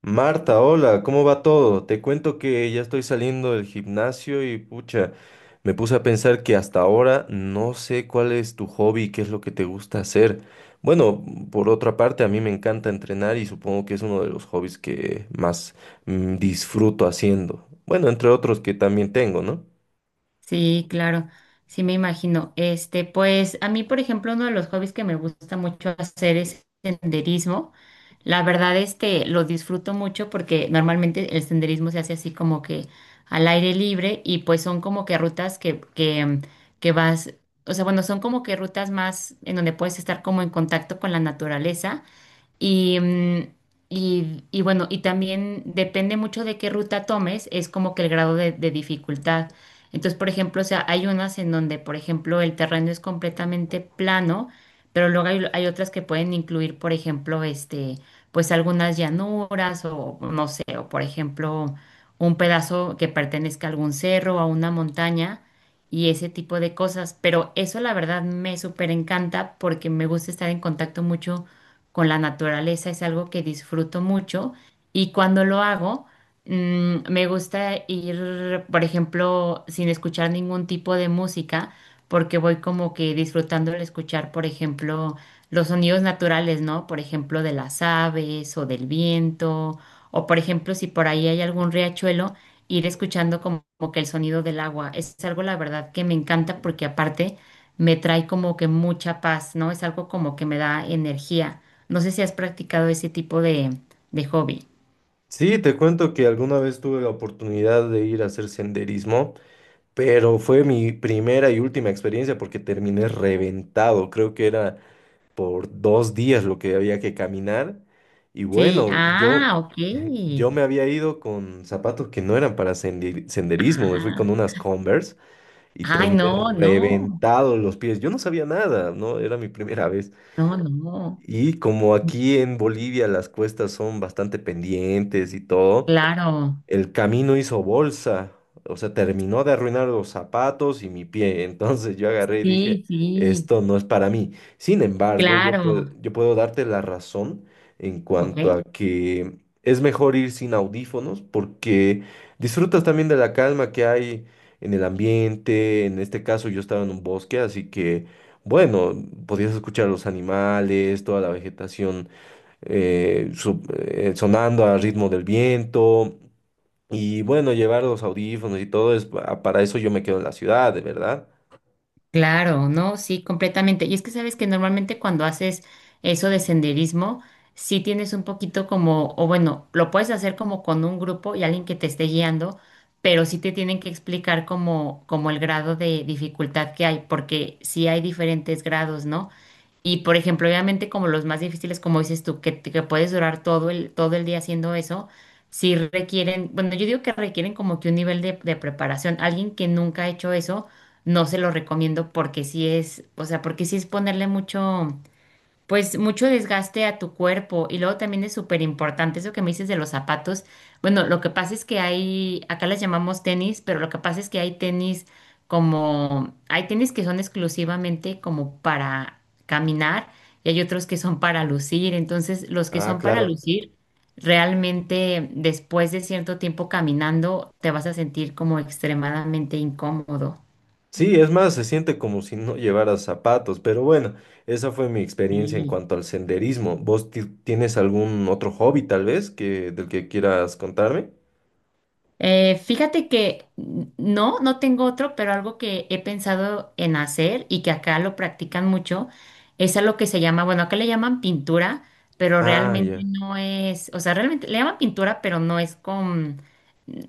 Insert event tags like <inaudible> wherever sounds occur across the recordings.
Marta, hola, ¿cómo va todo? Te cuento que ya estoy saliendo del gimnasio y pucha, me puse a pensar que hasta ahora no sé cuál es tu hobby, qué es lo que te gusta hacer. Bueno, por otra parte, a mí me encanta entrenar y supongo que es uno de los hobbies que más disfruto haciendo. Bueno, entre otros que también tengo, ¿no? Sí, claro, sí me imagino. Pues a mí, por ejemplo, uno de los hobbies que me gusta mucho hacer es senderismo. La verdad, lo disfruto mucho porque normalmente el senderismo se hace así como que al aire libre y pues son como que rutas que vas, o sea, bueno, son como que rutas más en donde puedes estar como en contacto con la naturaleza y, mm, y bueno, y también depende mucho de qué ruta tomes, es como que el grado de dificultad. Entonces, por ejemplo, o sea, hay unas en donde, por ejemplo, el terreno es completamente plano, pero luego hay otras que pueden incluir, por ejemplo, pues algunas llanuras o no sé, o por ejemplo, un pedazo que pertenezca a algún cerro o a una montaña y ese tipo de cosas. Pero eso, la verdad, me súper encanta porque me gusta estar en contacto mucho con la naturaleza, es algo que disfruto mucho y cuando lo hago, me gusta ir, por ejemplo, sin escuchar ningún tipo de música, porque voy como que disfrutando el escuchar, por ejemplo, los sonidos naturales, ¿no? Por ejemplo, de las aves o del viento, o por ejemplo, si por ahí hay algún riachuelo, ir escuchando como que el sonido del agua. Es algo, la verdad, que me encanta porque aparte me trae como que mucha paz, ¿no? Es algo como que me da energía. No sé si has practicado ese tipo de hobby. Sí, te cuento que alguna vez tuve la oportunidad de ir a hacer senderismo, pero fue mi primera y última experiencia porque terminé reventado. Creo que era por 2 días lo que había que caminar. Y Sí, bueno, ah, ok. <laughs> yo me había ido con zapatos que no eran para senderismo, me fui con Ah, unas Converse y ay, terminé no, no, reventado los pies. Yo no sabía nada, ¿no? Era mi primera vez. no, no. Y como aquí en Bolivia las cuestas son bastante pendientes y todo, Claro, el camino hizo bolsa, o sea, terminó de arruinar los zapatos y mi pie. <laughs> Entonces yo agarré y dije, sí, sí, esto no es para mí. Sin embargo, claro, yo puedo darte la razón en ok. cuanto a que es mejor ir sin audífonos porque disfrutas también de la calma que hay en el ambiente. En este caso, yo estaba en un bosque, así que, bueno, podías escuchar los animales, toda la vegetación sonando al ritmo del viento. Y bueno, llevar los audífonos y todo es para eso yo me quedo en la ciudad, de verdad. Claro, no, sí, completamente. Y es que sabes que normalmente cuando haces eso de senderismo, sí tienes un poquito como, o bueno, lo puedes hacer como con un grupo y alguien que te esté guiando, pero sí te tienen que explicar como el grado de dificultad que hay, porque sí hay diferentes grados, ¿no? Y por ejemplo, obviamente como los más difíciles, como dices tú, que puedes durar todo el día haciendo eso, sí requieren, bueno, yo digo que requieren como que un nivel de preparación. Alguien que nunca ha hecho eso no se lo recomiendo porque sí es, o sea, porque sí es ponerle mucho, pues mucho desgaste a tu cuerpo. Y luego también es súper importante eso que me dices de los zapatos. Bueno, lo que pasa es que hay, acá las llamamos tenis, pero lo que pasa es que hay tenis como, hay tenis que son exclusivamente como para caminar y hay otros que son para lucir. Entonces, los que Ah, son para claro. lucir... Realmente después de cierto tiempo caminando te vas a sentir como extremadamente incómodo. Sí, es más, se siente como si no llevaras zapatos, pero bueno, esa fue mi experiencia en Sí. cuanto al senderismo. ¿Vos tienes algún otro hobby tal vez que del que quieras contarme? Fíjate que no tengo otro, pero algo que he pensado en hacer y que acá lo practican mucho es algo que se llama, bueno, acá le llaman pintura, pero Ah, realmente ya. no es, o sea, realmente le llaman pintura, pero no es con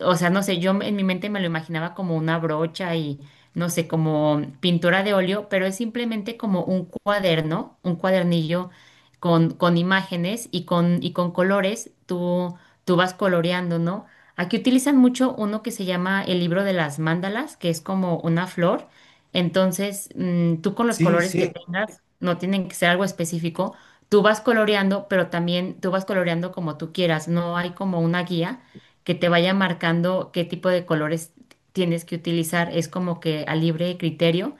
o sea, no sé, yo en mi mente me lo imaginaba como una brocha y, no sé, como pintura de óleo, pero es simplemente como un cuaderno, un cuadernillo con imágenes y y con colores, tú vas coloreando, ¿no? Aquí utilizan mucho uno que se llama el libro de las mandalas, que es como una flor. Entonces, tú con los Sí, colores que sí. tengas, no tienen que ser algo específico, tú vas coloreando, pero también tú vas coloreando como tú quieras, no hay como una guía que te vaya marcando qué tipo de colores tienes que utilizar. Es como que a libre criterio.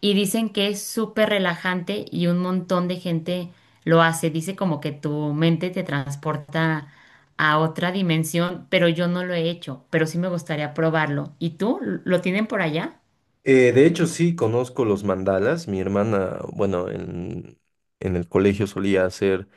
Y dicen que es súper relajante y un montón de gente lo hace. Dice como que tu mente te transporta a otra dimensión, pero yo no lo he hecho, pero sí me gustaría probarlo. ¿Y tú? ¿Lo tienen por allá? De hecho, sí, conozco los mandalas. Mi hermana, bueno, en el colegio solía hacer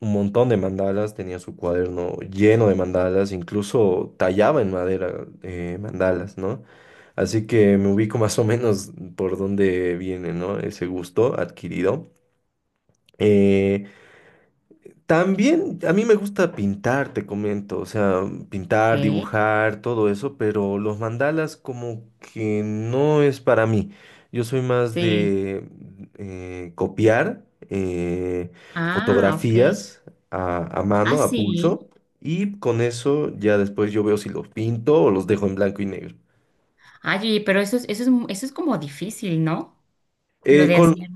un montón de mandalas, tenía su cuaderno lleno de mandalas, incluso tallaba en madera mandalas, ¿no? Así que me ubico <laughs> más o menos por dónde viene, ¿no? Ese gusto adquirido. Eh, También a mí me gusta pintar, te comento, o sea, pintar, ¿Qué? dibujar, todo eso, pero los mandalas como que no es para mí. Yo soy más Sí. de copiar Ah, ok. fotografías a Ah, mano, a pulso, sí. y con eso ya después yo veo si los pinto o los dejo en blanco y negro. Ay, pero eso es como difícil, ¿no? Lo Eh, de con, hacer,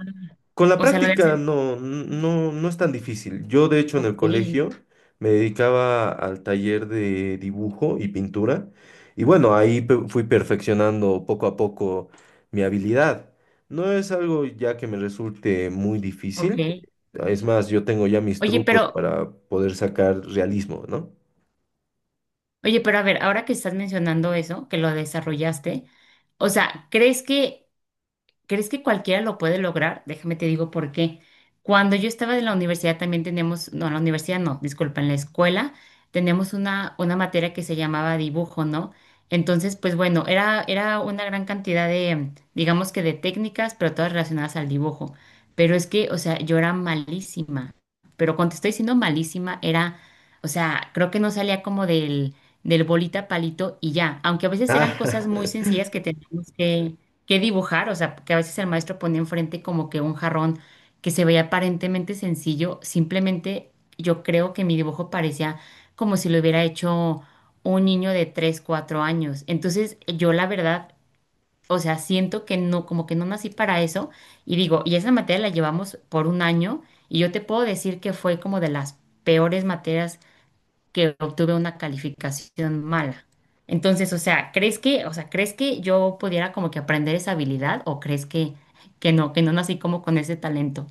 Con la o sea, lo de práctica hacer. No es tan difícil. Yo, de hecho, en el Ok, colegio me dedicaba al taller de dibujo y pintura. Y bueno, ahí fui perfeccionando poco a poco mi habilidad. No es algo ya que me resulte muy ok. difícil. Es más, yo tengo ya mis Oye, trucos pero, para poder sacar realismo, ¿no? oye, pero a ver, ahora que estás mencionando eso, que lo desarrollaste, o sea, ¿crees que cualquiera lo puede lograr? Déjame te digo por qué. Cuando yo estaba en la universidad también teníamos, no, en la universidad no, disculpa, en la escuela teníamos una materia que se llamaba dibujo, ¿no? Entonces, pues bueno, era una gran cantidad de, digamos que de técnicas, pero todas relacionadas al dibujo. Pero es que, o sea, yo era malísima. Pero cuando te estoy diciendo malísima, era, o sea, creo que no salía como del bolita palito y ya. Aunque a veces eran Ah, cosas muy <laughs> sencillas que teníamos que qué dibujar, o sea, que a veces el maestro ponía enfrente como que un jarrón que se veía aparentemente sencillo, simplemente yo creo que mi dibujo parecía como si lo hubiera hecho un niño de 3, 4 años. Entonces, yo la verdad, o sea, siento que no, como que no nací para eso y digo, y esa materia la llevamos por un año y yo te puedo decir que fue como de las peores materias que obtuve una calificación mala. Entonces, o sea, ¿crees que yo pudiera como que aprender esa habilidad o crees que no nací como con ese talento?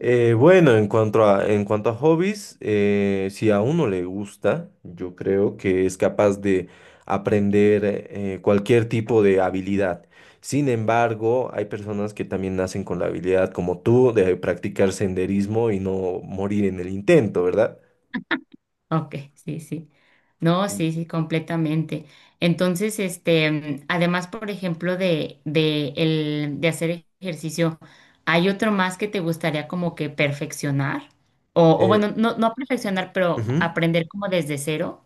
Bueno, en cuanto a hobbies, si a uno le gusta, yo creo que es capaz de aprender cualquier tipo de habilidad. Sin embargo, hay personas que también nacen con la habilidad, como tú, de practicar senderismo y no morir en el intento, ¿verdad? Ok, sí, sí. No, sí, sí, completamente. Entonces, además, por ejemplo, de hacer ejercicio, ¿hay otro más que te gustaría como que perfeccionar? O Eh, bueno, no, no perfeccionar, pero ujú. aprender como desde cero.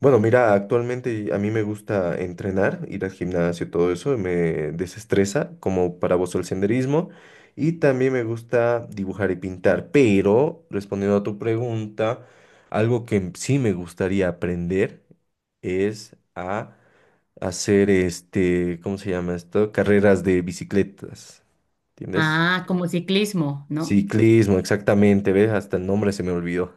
Bueno, mira, actualmente a mí me gusta entrenar, ir al gimnasio, todo eso, me desestresa, como para vos el senderismo, y también me gusta dibujar y pintar, pero respondiendo a tu pregunta, algo que sí me gustaría aprender es a hacer este, ¿cómo se llama esto? Carreras de bicicletas, ¿entiendes? Ah, como ciclismo, ¿no? Ciclismo, exactamente, ¿ves? Hasta el nombre se me olvidó.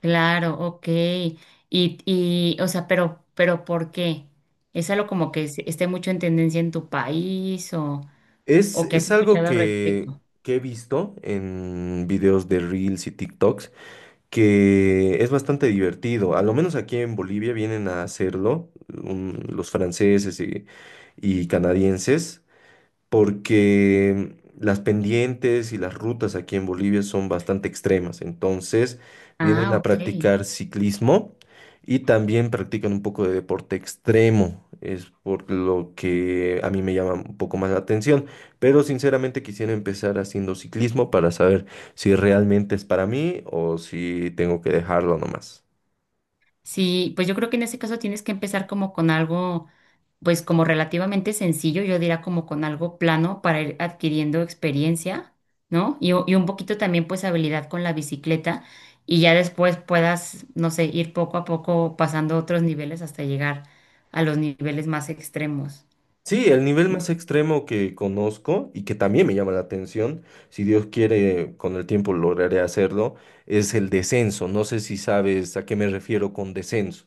Claro, ok. O sea, pero ¿por qué? ¿Es algo como que esté mucho en tendencia en tu país o que has Es algo escuchado al respecto? que he visto en videos de Reels y TikToks, que es bastante divertido. A lo menos aquí en Bolivia vienen a hacerlo los franceses y canadienses porque las pendientes y las rutas aquí en Bolivia son bastante extremas. Entonces, vienen Ah, a ok. practicar ciclismo y también practican un poco de deporte extremo. Es por lo que a mí me llama un poco más la atención. Pero sinceramente quisiera empezar haciendo ciclismo para saber si realmente es para mí o si tengo que dejarlo nomás. Sí, pues yo creo que en ese caso tienes que empezar como con algo, pues como relativamente sencillo, yo diría como con algo plano para ir adquiriendo experiencia, ¿no? Y un poquito también pues habilidad con la bicicleta y ya después puedas, no sé, ir poco a poco pasando otros niveles hasta llegar a los niveles más extremos. Sí, el nivel más extremo que conozco y que también me llama la atención, si Dios quiere, con el tiempo lograré hacerlo, es el descenso. No sé si sabes a qué me refiero con descenso.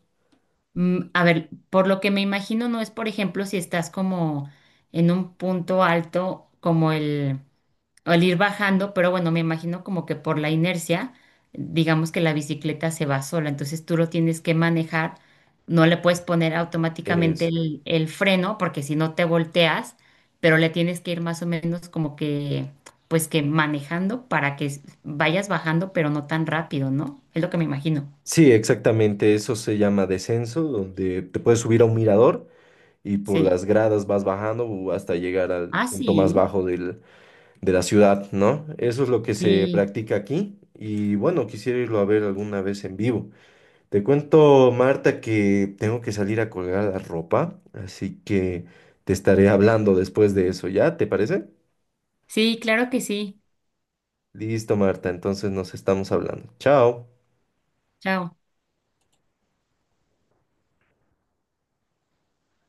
Mm, a ver, por lo que me imagino no es, por ejemplo, si estás como en un punto alto como el... o el ir bajando, pero bueno, me imagino como que por la inercia, digamos que la bicicleta se va sola, entonces tú lo tienes que manejar, no le puedes poner automáticamente Es, el freno porque si no te volteas, pero le tienes que ir más o menos como que, pues que manejando para que vayas bajando, pero no tan rápido, ¿no? Es lo que me imagino. sí, exactamente, eso se llama descenso, donde te puedes subir a un mirador y por Sí. las gradas vas bajando hasta llegar al Ah, punto más sí. bajo de la ciudad, ¿no? Eso es lo que se Sí. practica aquí y bueno, quisiera irlo a ver alguna vez en vivo. Te cuento, Marta, que tengo que salir a colgar la ropa, así que te estaré hablando después de eso, ¿ya? ¿Te parece? Sí, claro que sí. Listo, Marta, entonces nos estamos hablando. Chao. Chao.